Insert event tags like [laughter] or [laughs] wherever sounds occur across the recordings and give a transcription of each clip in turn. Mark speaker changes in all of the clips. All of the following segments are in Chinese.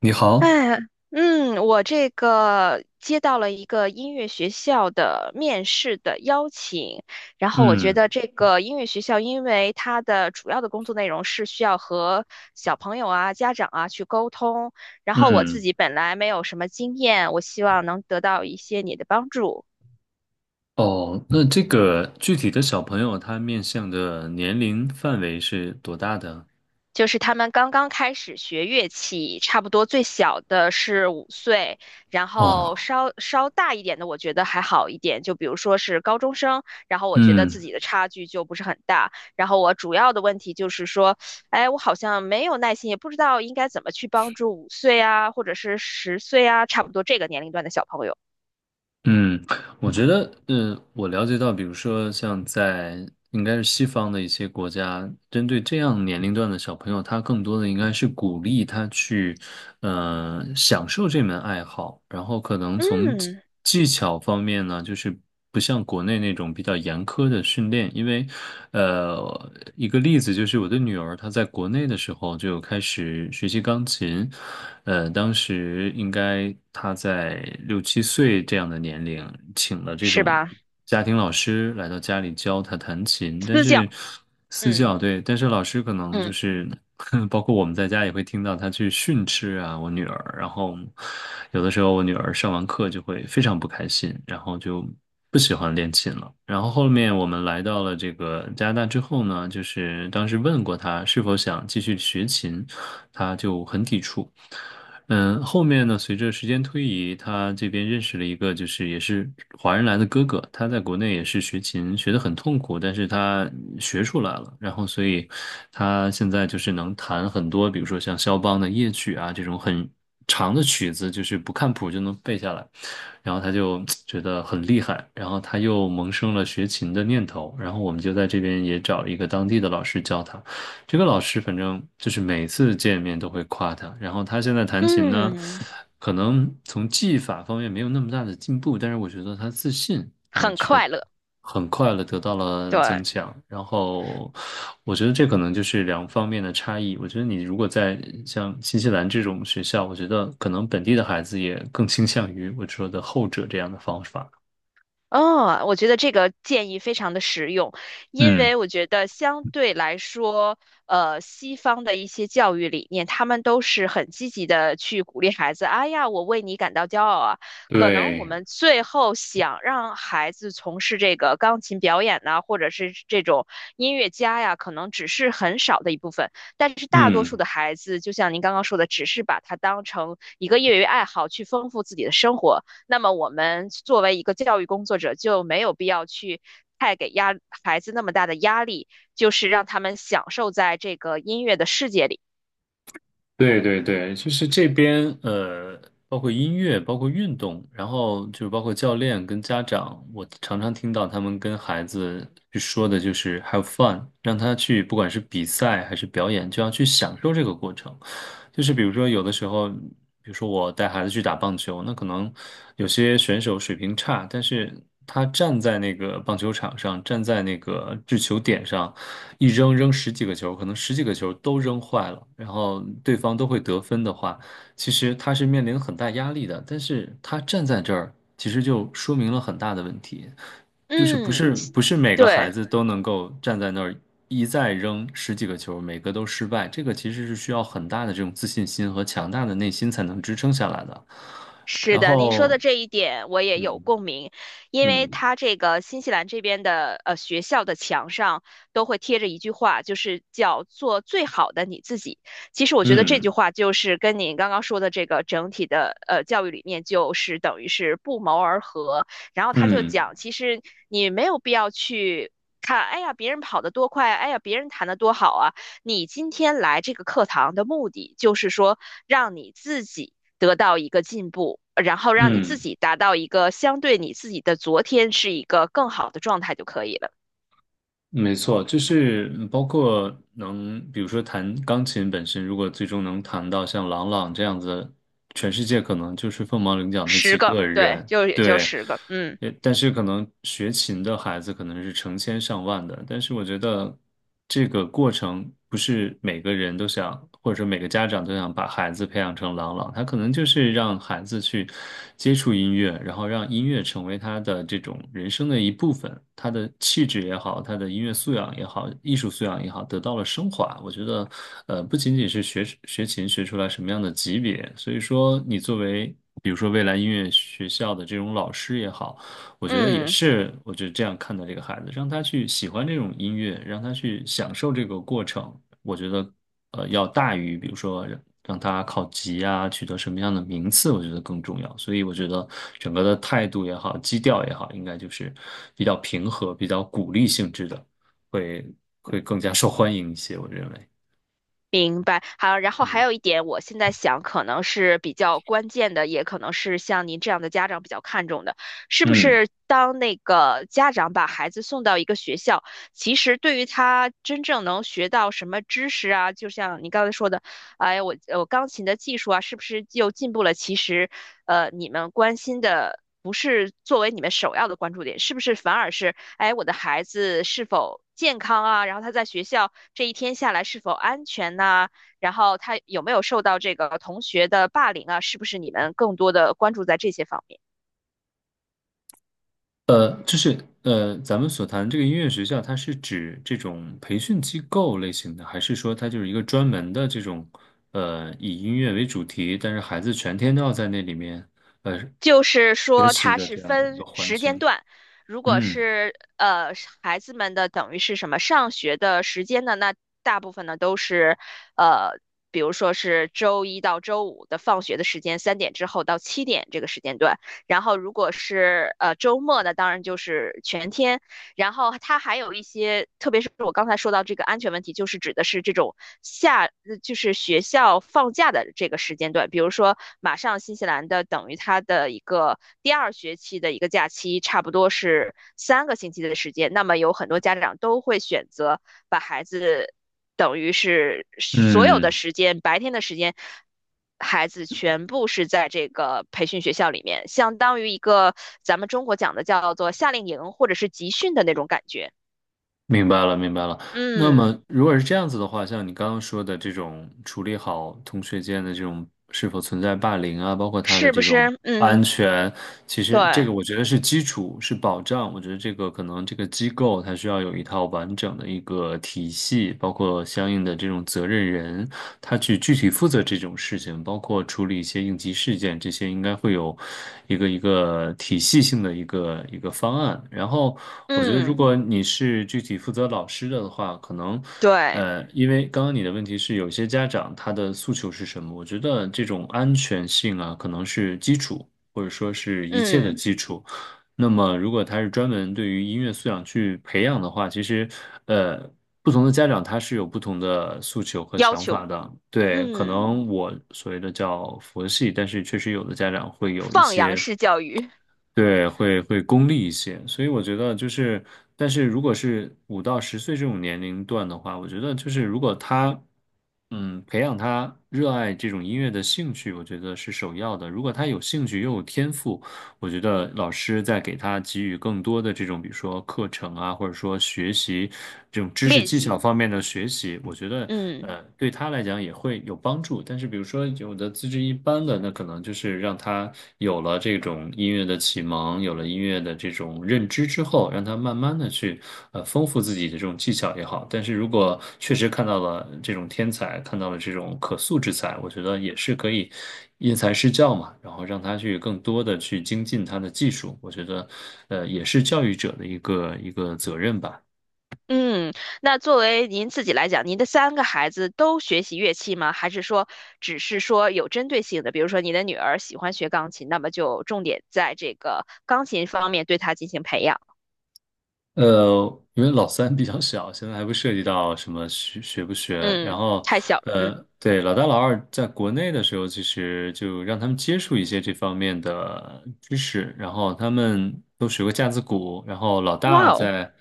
Speaker 1: 你好。
Speaker 2: 哎，嗯，我这个接到了一个音乐学校的面试的邀请，然后我觉
Speaker 1: 嗯
Speaker 2: 得这个音乐学校，因为它的主要的工作内容是需要和小朋友啊、家长啊去沟通，然后我自
Speaker 1: 嗯，
Speaker 2: 己本来没有什么经验，我希望能得到一些你的帮助。
Speaker 1: 哦，那这个具体的小朋友他面向的年龄范围是多大的？
Speaker 2: 就是他们刚刚开始学乐器，差不多最小的是五岁，然后
Speaker 1: 哦，
Speaker 2: 稍稍大一点的，我觉得还好一点，就比如说是高中生，然后我觉得
Speaker 1: 嗯
Speaker 2: 自己的差距就不是很大。然后我主要的问题就是说，哎，我好像没有耐心，也不知道应该怎么去帮助五岁啊，或者是10岁啊，差不多这个年龄段的小朋友，
Speaker 1: 嗯，我觉得，我了解到，比如说像在,应该是西方的一些国家，针对这样年龄段的小朋友，他更多的应该是鼓励他去，享受这门爱好，然后可能从技
Speaker 2: 嗯，
Speaker 1: 技巧方面呢，就是。不像国内那种比较严苛的训练，因为，一个例子就是我的女儿她在国内的时候就开始学习钢琴。当时应该她在六七岁这样的年龄，请了这
Speaker 2: 是
Speaker 1: 种
Speaker 2: 吧？
Speaker 1: 家庭老师来到家里教她弹琴，但
Speaker 2: 私教，
Speaker 1: 是私
Speaker 2: 嗯
Speaker 1: 教。对，但是老师可能就
Speaker 2: 嗯
Speaker 1: 是。[laughs] 包括我们在家也会听到她去训斥啊，我女儿。然后有的时候我女儿上完课就会非常不开心，然后就不喜欢练琴了。然后后面我们来到了这个加拿大之后呢，就是当时问过他是否想继续学琴，他就很抵触。嗯，后面呢，随着时间推移，他这边认识了一个，就是也是华人来的哥哥，他在国内也是学琴，学得很痛苦，但是他学出来了，然后所以他现在就是能弹很多，比如说像肖邦的夜曲啊这种很长的曲子，就是不看谱就能背下来，然后他就 [tsk] 觉得很厉害，然后他又萌生了学琴的念头，然后我们就在这边也找了一个当地的老师教他。这个老师反正就是每次见面都会夸他，然后他现在弹琴呢，
Speaker 2: 嗯，
Speaker 1: 可能从技法方面没有那么大的进步，但是我觉得他自信啊，
Speaker 2: 很
Speaker 1: 却
Speaker 2: 快乐，
Speaker 1: 很快的得到了增
Speaker 2: 对。
Speaker 1: 强。然后我觉得这可能就是两方面的差异。我觉得你如果在像新西兰这种学校，我觉得可能本地的孩子也更倾向于我说的后者这样的方法。
Speaker 2: 哦，我觉得这个建议非常的实用，因
Speaker 1: 嗯。
Speaker 2: 为我觉得相对来说，西方的一些教育理念，他们都是很积极的去鼓励孩子，哎呀，我为你感到骄傲啊。可能我
Speaker 1: 对。
Speaker 2: 们最后想让孩子从事这个钢琴表演呐，或者是这种音乐家呀，可能只是很少的一部分，但是大多数
Speaker 1: 嗯。
Speaker 2: 的孩子，就像您刚刚说的，只是把它当成一个业余爱好去丰富自己的生活。那么我们作为一个教育工作者，就没有必要去太给孩子那么大的压力，就是让他们享受在这个音乐的世界里。
Speaker 1: 对对对，就是这边呃，包括音乐，包括运动，然后就是包括教练跟家长，我常常听到他们跟孩子去说的就是 have fun，让他去不管是比赛还是表演，就要去享受这个过程。就是比如说有的时候，比如说我带孩子去打棒球，那可能有些选手水平差，但是他站在那个棒球场上，站在那个制球点上，一扔扔十几个球，可能十几个球都扔坏了，然后对方都会得分的话，其实他是面临很大压力的。但是他站在这儿，其实就说明了很大的问题，就是不
Speaker 2: 嗯，
Speaker 1: 是不是每个孩
Speaker 2: 对。
Speaker 1: 子都能够站在那儿一再扔十几个球，每个都失败。这个其实是需要很大的这种自信心和强大的内心才能支撑下来的。
Speaker 2: 是
Speaker 1: 然
Speaker 2: 的，您说的
Speaker 1: 后，
Speaker 2: 这一点我也有
Speaker 1: 嗯
Speaker 2: 共鸣，因为
Speaker 1: 嗯
Speaker 2: 它这个新西兰这边的学校的墙上都会贴着一句话，就是叫做最好的你自己。其实我觉得这句
Speaker 1: 嗯
Speaker 2: 话就是跟您刚刚说的这个整体的教育理念就是等于是不谋而合。然后他就
Speaker 1: 嗯
Speaker 2: 讲，其实你没有必要去。看，哎呀，别人跑得多快，哎呀，别人弹得多好啊！你今天来这个课堂的目的，就是说让你自己得到一个进步，然后让你自
Speaker 1: 嗯。
Speaker 2: 己达到一个相对你自己的昨天是一个更好的状态就可以了。
Speaker 1: 没错，就是包括能，比如说弹钢琴本身，如果最终能弹到像郎朗这样子，全世界可能就是凤毛麟角那
Speaker 2: 十
Speaker 1: 几
Speaker 2: 个，
Speaker 1: 个
Speaker 2: 对，
Speaker 1: 人。
Speaker 2: 就也就
Speaker 1: 对。
Speaker 2: 十个，嗯
Speaker 1: 也但是可能学琴的孩子可能是成千上万的，但是我觉得这个过程不是每个人都想，或者说每个家长都想把孩子培养成朗朗，他可能就是让孩子去接触音乐，然后让音乐成为他的这种人生的一部分，他的气质也好，他的音乐素养也好，艺术素养也好，得到了升华。我觉得，不仅仅是学琴学出来什么样的级别，所以说你作为。比如说，未来音乐学校的这种老师也好，我觉得也
Speaker 2: 嗯，
Speaker 1: 是，我觉得这样看待这个孩子，让他去喜欢这种音乐，让他去享受这个过程，我觉得要大于比如说让他考级啊，取得什么样的名次，我觉得更重要。所以我觉得整个的态度也好，基调也好，应该就是比较平和、比较鼓励性质的，会会更加受欢迎一些，我认为。
Speaker 2: 明白。好，然后还
Speaker 1: 嗯。
Speaker 2: 有一点，我现在想可能是比较关键的，也可能是像您这样的家长比较看重的，是不
Speaker 1: 嗯。
Speaker 2: 是当那个家长把孩子送到一个学校，其实对于他真正能学到什么知识啊，就像你刚才说的，哎，我钢琴的技术啊，是不是又进步了？其实，你们关心的不是作为你们首要的关注点，是不是反而是，哎，我的孩子是否健康啊？然后他在学校这一天下来是否安全呐、然后他有没有受到这个同学的霸凌啊？是不是你们更多的关注在这些方面？
Speaker 1: 就是咱们所谈这个音乐学校，它是指这种培训机构类型的，还是说它就是一个专门的这种以音乐为主题，但是孩子全天都要在那里面呃
Speaker 2: 就是
Speaker 1: 学
Speaker 2: 说
Speaker 1: 习
Speaker 2: 它
Speaker 1: 的
Speaker 2: 是
Speaker 1: 这样的一个
Speaker 2: 分
Speaker 1: 环
Speaker 2: 时间
Speaker 1: 境？
Speaker 2: 段，如果
Speaker 1: 嗯。
Speaker 2: 是孩子们的等于是什么上学的时间呢，那大部分呢都是呃，比如说是周一到周五的放学的时间，3点之后到7点这个时间段。然后如果是周末呢，当然就是全天，然后它还有一些，特别是我刚才说到这个安全问题，就是指的是这种就是学校放假的这个时间段，比如说马上新西兰的等于它的一个第二学期的一个假期，差不多是3个星期的时间，那么有很多家长都会选择把孩子。等于是所有的
Speaker 1: 嗯。
Speaker 2: 时间，白天的时间孩子全部是在这个培训学校里面，相当于一个咱们中国讲的叫做夏令营或者是集训的那种感觉。
Speaker 1: 明白了，明白了。那
Speaker 2: 嗯，
Speaker 1: 么，如果是这样子的话，像你刚刚说的这种处理好同学间的这种是否存在霸凌啊，包括他的
Speaker 2: 是不
Speaker 1: 这种
Speaker 2: 是？
Speaker 1: 安
Speaker 2: 嗯，
Speaker 1: 全，其实这
Speaker 2: 对，
Speaker 1: 个我觉得是基础，是保障。我觉得这个可能这个机构它需要有一套完整的一个体系，包括相应的这种责任人，他去具体负责这种事情。情包括处理一些应急事件，这些应该会有一个体系性的一个方案。然后，我觉得如
Speaker 2: 嗯，
Speaker 1: 果你是具体负责老师的话，可能。
Speaker 2: 对，
Speaker 1: 因为刚刚你的问题是有些家长他的诉求是什么？我觉得这种安全性啊，可能是基础，或者说是一切的
Speaker 2: 嗯，
Speaker 1: 基础。那么，如果他是专门对于音乐素养去培养的话，其实，呃，不同的家长他是有不同的诉求和
Speaker 2: 要
Speaker 1: 想法
Speaker 2: 求，
Speaker 1: 的。对，可
Speaker 2: 嗯，
Speaker 1: 能我所谓的叫佛系，但是确实有的家长会有一
Speaker 2: 放羊
Speaker 1: 些，
Speaker 2: 式教育
Speaker 1: 对，会功利一些。所以我觉得就是，但是如果是五到十岁这种年龄段的话，我觉得就是如果他培养他热爱这种音乐的兴趣，我觉得是首要的。如果他有兴趣又有天赋，我觉得老师在给他给予更多的这种，比如说课程啊，或者说学习这种知识
Speaker 2: 练
Speaker 1: 技巧
Speaker 2: 习，
Speaker 1: 方面的学习，我觉得
Speaker 2: 嗯。
Speaker 1: 对他来讲也会有帮助。但是比如说有的资质一般的，那可能就是让他有了这种音乐的启蒙，有了音乐的这种认。认知之后，让他慢慢的去丰富自己的这种技巧也好。但是如果确实看到了这种天才，看到了这种可塑之才，我觉得也是可以因材施教嘛，然后让他去更多的去精进他的技术。我觉得也是教育者的一个责任吧。
Speaker 2: 嗯，那作为您自己来讲，您的3个孩子都学习乐器吗？还是说只是说有针对性的，比如说你的女儿喜欢学钢琴，那么就重点在这个钢琴方面对她进行培养。
Speaker 1: 因为老三比较小，现在还不涉及到什么学不学。然
Speaker 2: 嗯，
Speaker 1: 后，
Speaker 2: 太小了，嗯，
Speaker 1: 对，老大老二在国内的时候，其实就让他们接触一些这方面的知识，然后他们都学过架子鼓，然后老
Speaker 2: 哇
Speaker 1: 大
Speaker 2: 哦，
Speaker 1: 在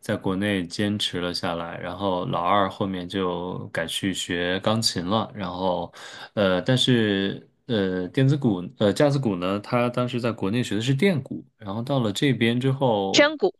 Speaker 1: 在国内坚持了下来，然后老二后面就改去学钢琴了。然后，但是。电子鼓，架子鼓呢，他当时在国内学的是电鼓，然后到了这边之后，
Speaker 2: 真鼓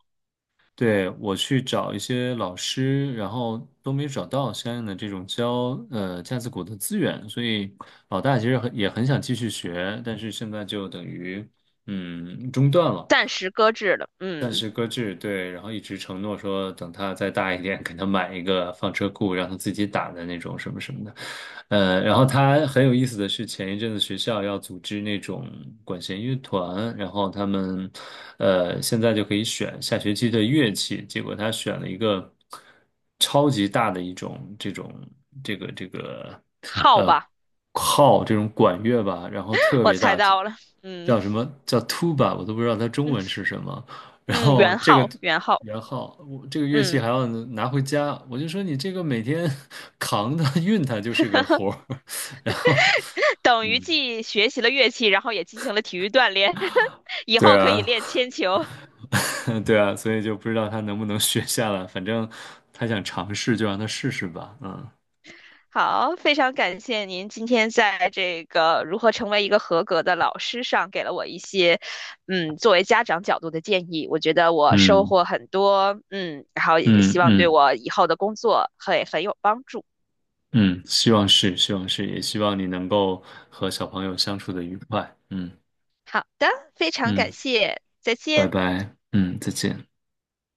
Speaker 1: 对，我去找一些老师，然后都没找到相应的这种教架子鼓的资源，所以老大其实很也很想继续学，但是现在就等于中断了，
Speaker 2: 暂时搁置了，
Speaker 1: 暂
Speaker 2: 嗯，
Speaker 1: 时搁置。对，然后一直承诺说等他再大一点，给他买一个放车库，让他自己打的那种什么什么的。然后他很有意思的是，前一阵子学校要组织那种管弦乐团，然后他们，现在就可以选下学期的乐器，结果他选了一个超级大的一种这种这个，
Speaker 2: 号
Speaker 1: 呃，
Speaker 2: 吧，
Speaker 1: 号这种管乐吧，然后
Speaker 2: [laughs]
Speaker 1: 特
Speaker 2: 我
Speaker 1: 别
Speaker 2: 猜
Speaker 1: 大，
Speaker 2: 到了，
Speaker 1: 叫
Speaker 2: 嗯
Speaker 1: 什么叫 tuba，我都不知道它中
Speaker 2: 嗯
Speaker 1: 文是什么。
Speaker 2: [laughs]
Speaker 1: 然
Speaker 2: 嗯，
Speaker 1: 后
Speaker 2: 元
Speaker 1: 这个，
Speaker 2: 号元号，
Speaker 1: 然后我这个乐器还
Speaker 2: 嗯，
Speaker 1: 要拿回家，我就说你这个每天 [laughs] 扛它运它就是个活儿，[laughs] 然后，
Speaker 2: 等于
Speaker 1: 嗯，
Speaker 2: 既学习了乐器，然后也进行了体育锻炼，[laughs] 以
Speaker 1: 对
Speaker 2: 后可以
Speaker 1: 啊，
Speaker 2: 练铅球。
Speaker 1: [laughs] 对啊，所以就不知道他能不能学下来，反正他想尝试就让他试试吧。嗯
Speaker 2: 好，非常感谢您今天在这个如何成为一个合格的老师上给了我一些，嗯，作为家长角度的建议，我觉得我收
Speaker 1: 嗯
Speaker 2: 获很多，嗯，然后也
Speaker 1: 嗯
Speaker 2: 希望对
Speaker 1: 嗯
Speaker 2: 我以后的工作会很有帮助。
Speaker 1: 嗯，希望是，希望是，也希望你能够和小朋友相处的愉快。嗯。
Speaker 2: 好的，非常感
Speaker 1: 嗯，
Speaker 2: 谢，再
Speaker 1: 拜
Speaker 2: 见。
Speaker 1: 拜。嗯，再见。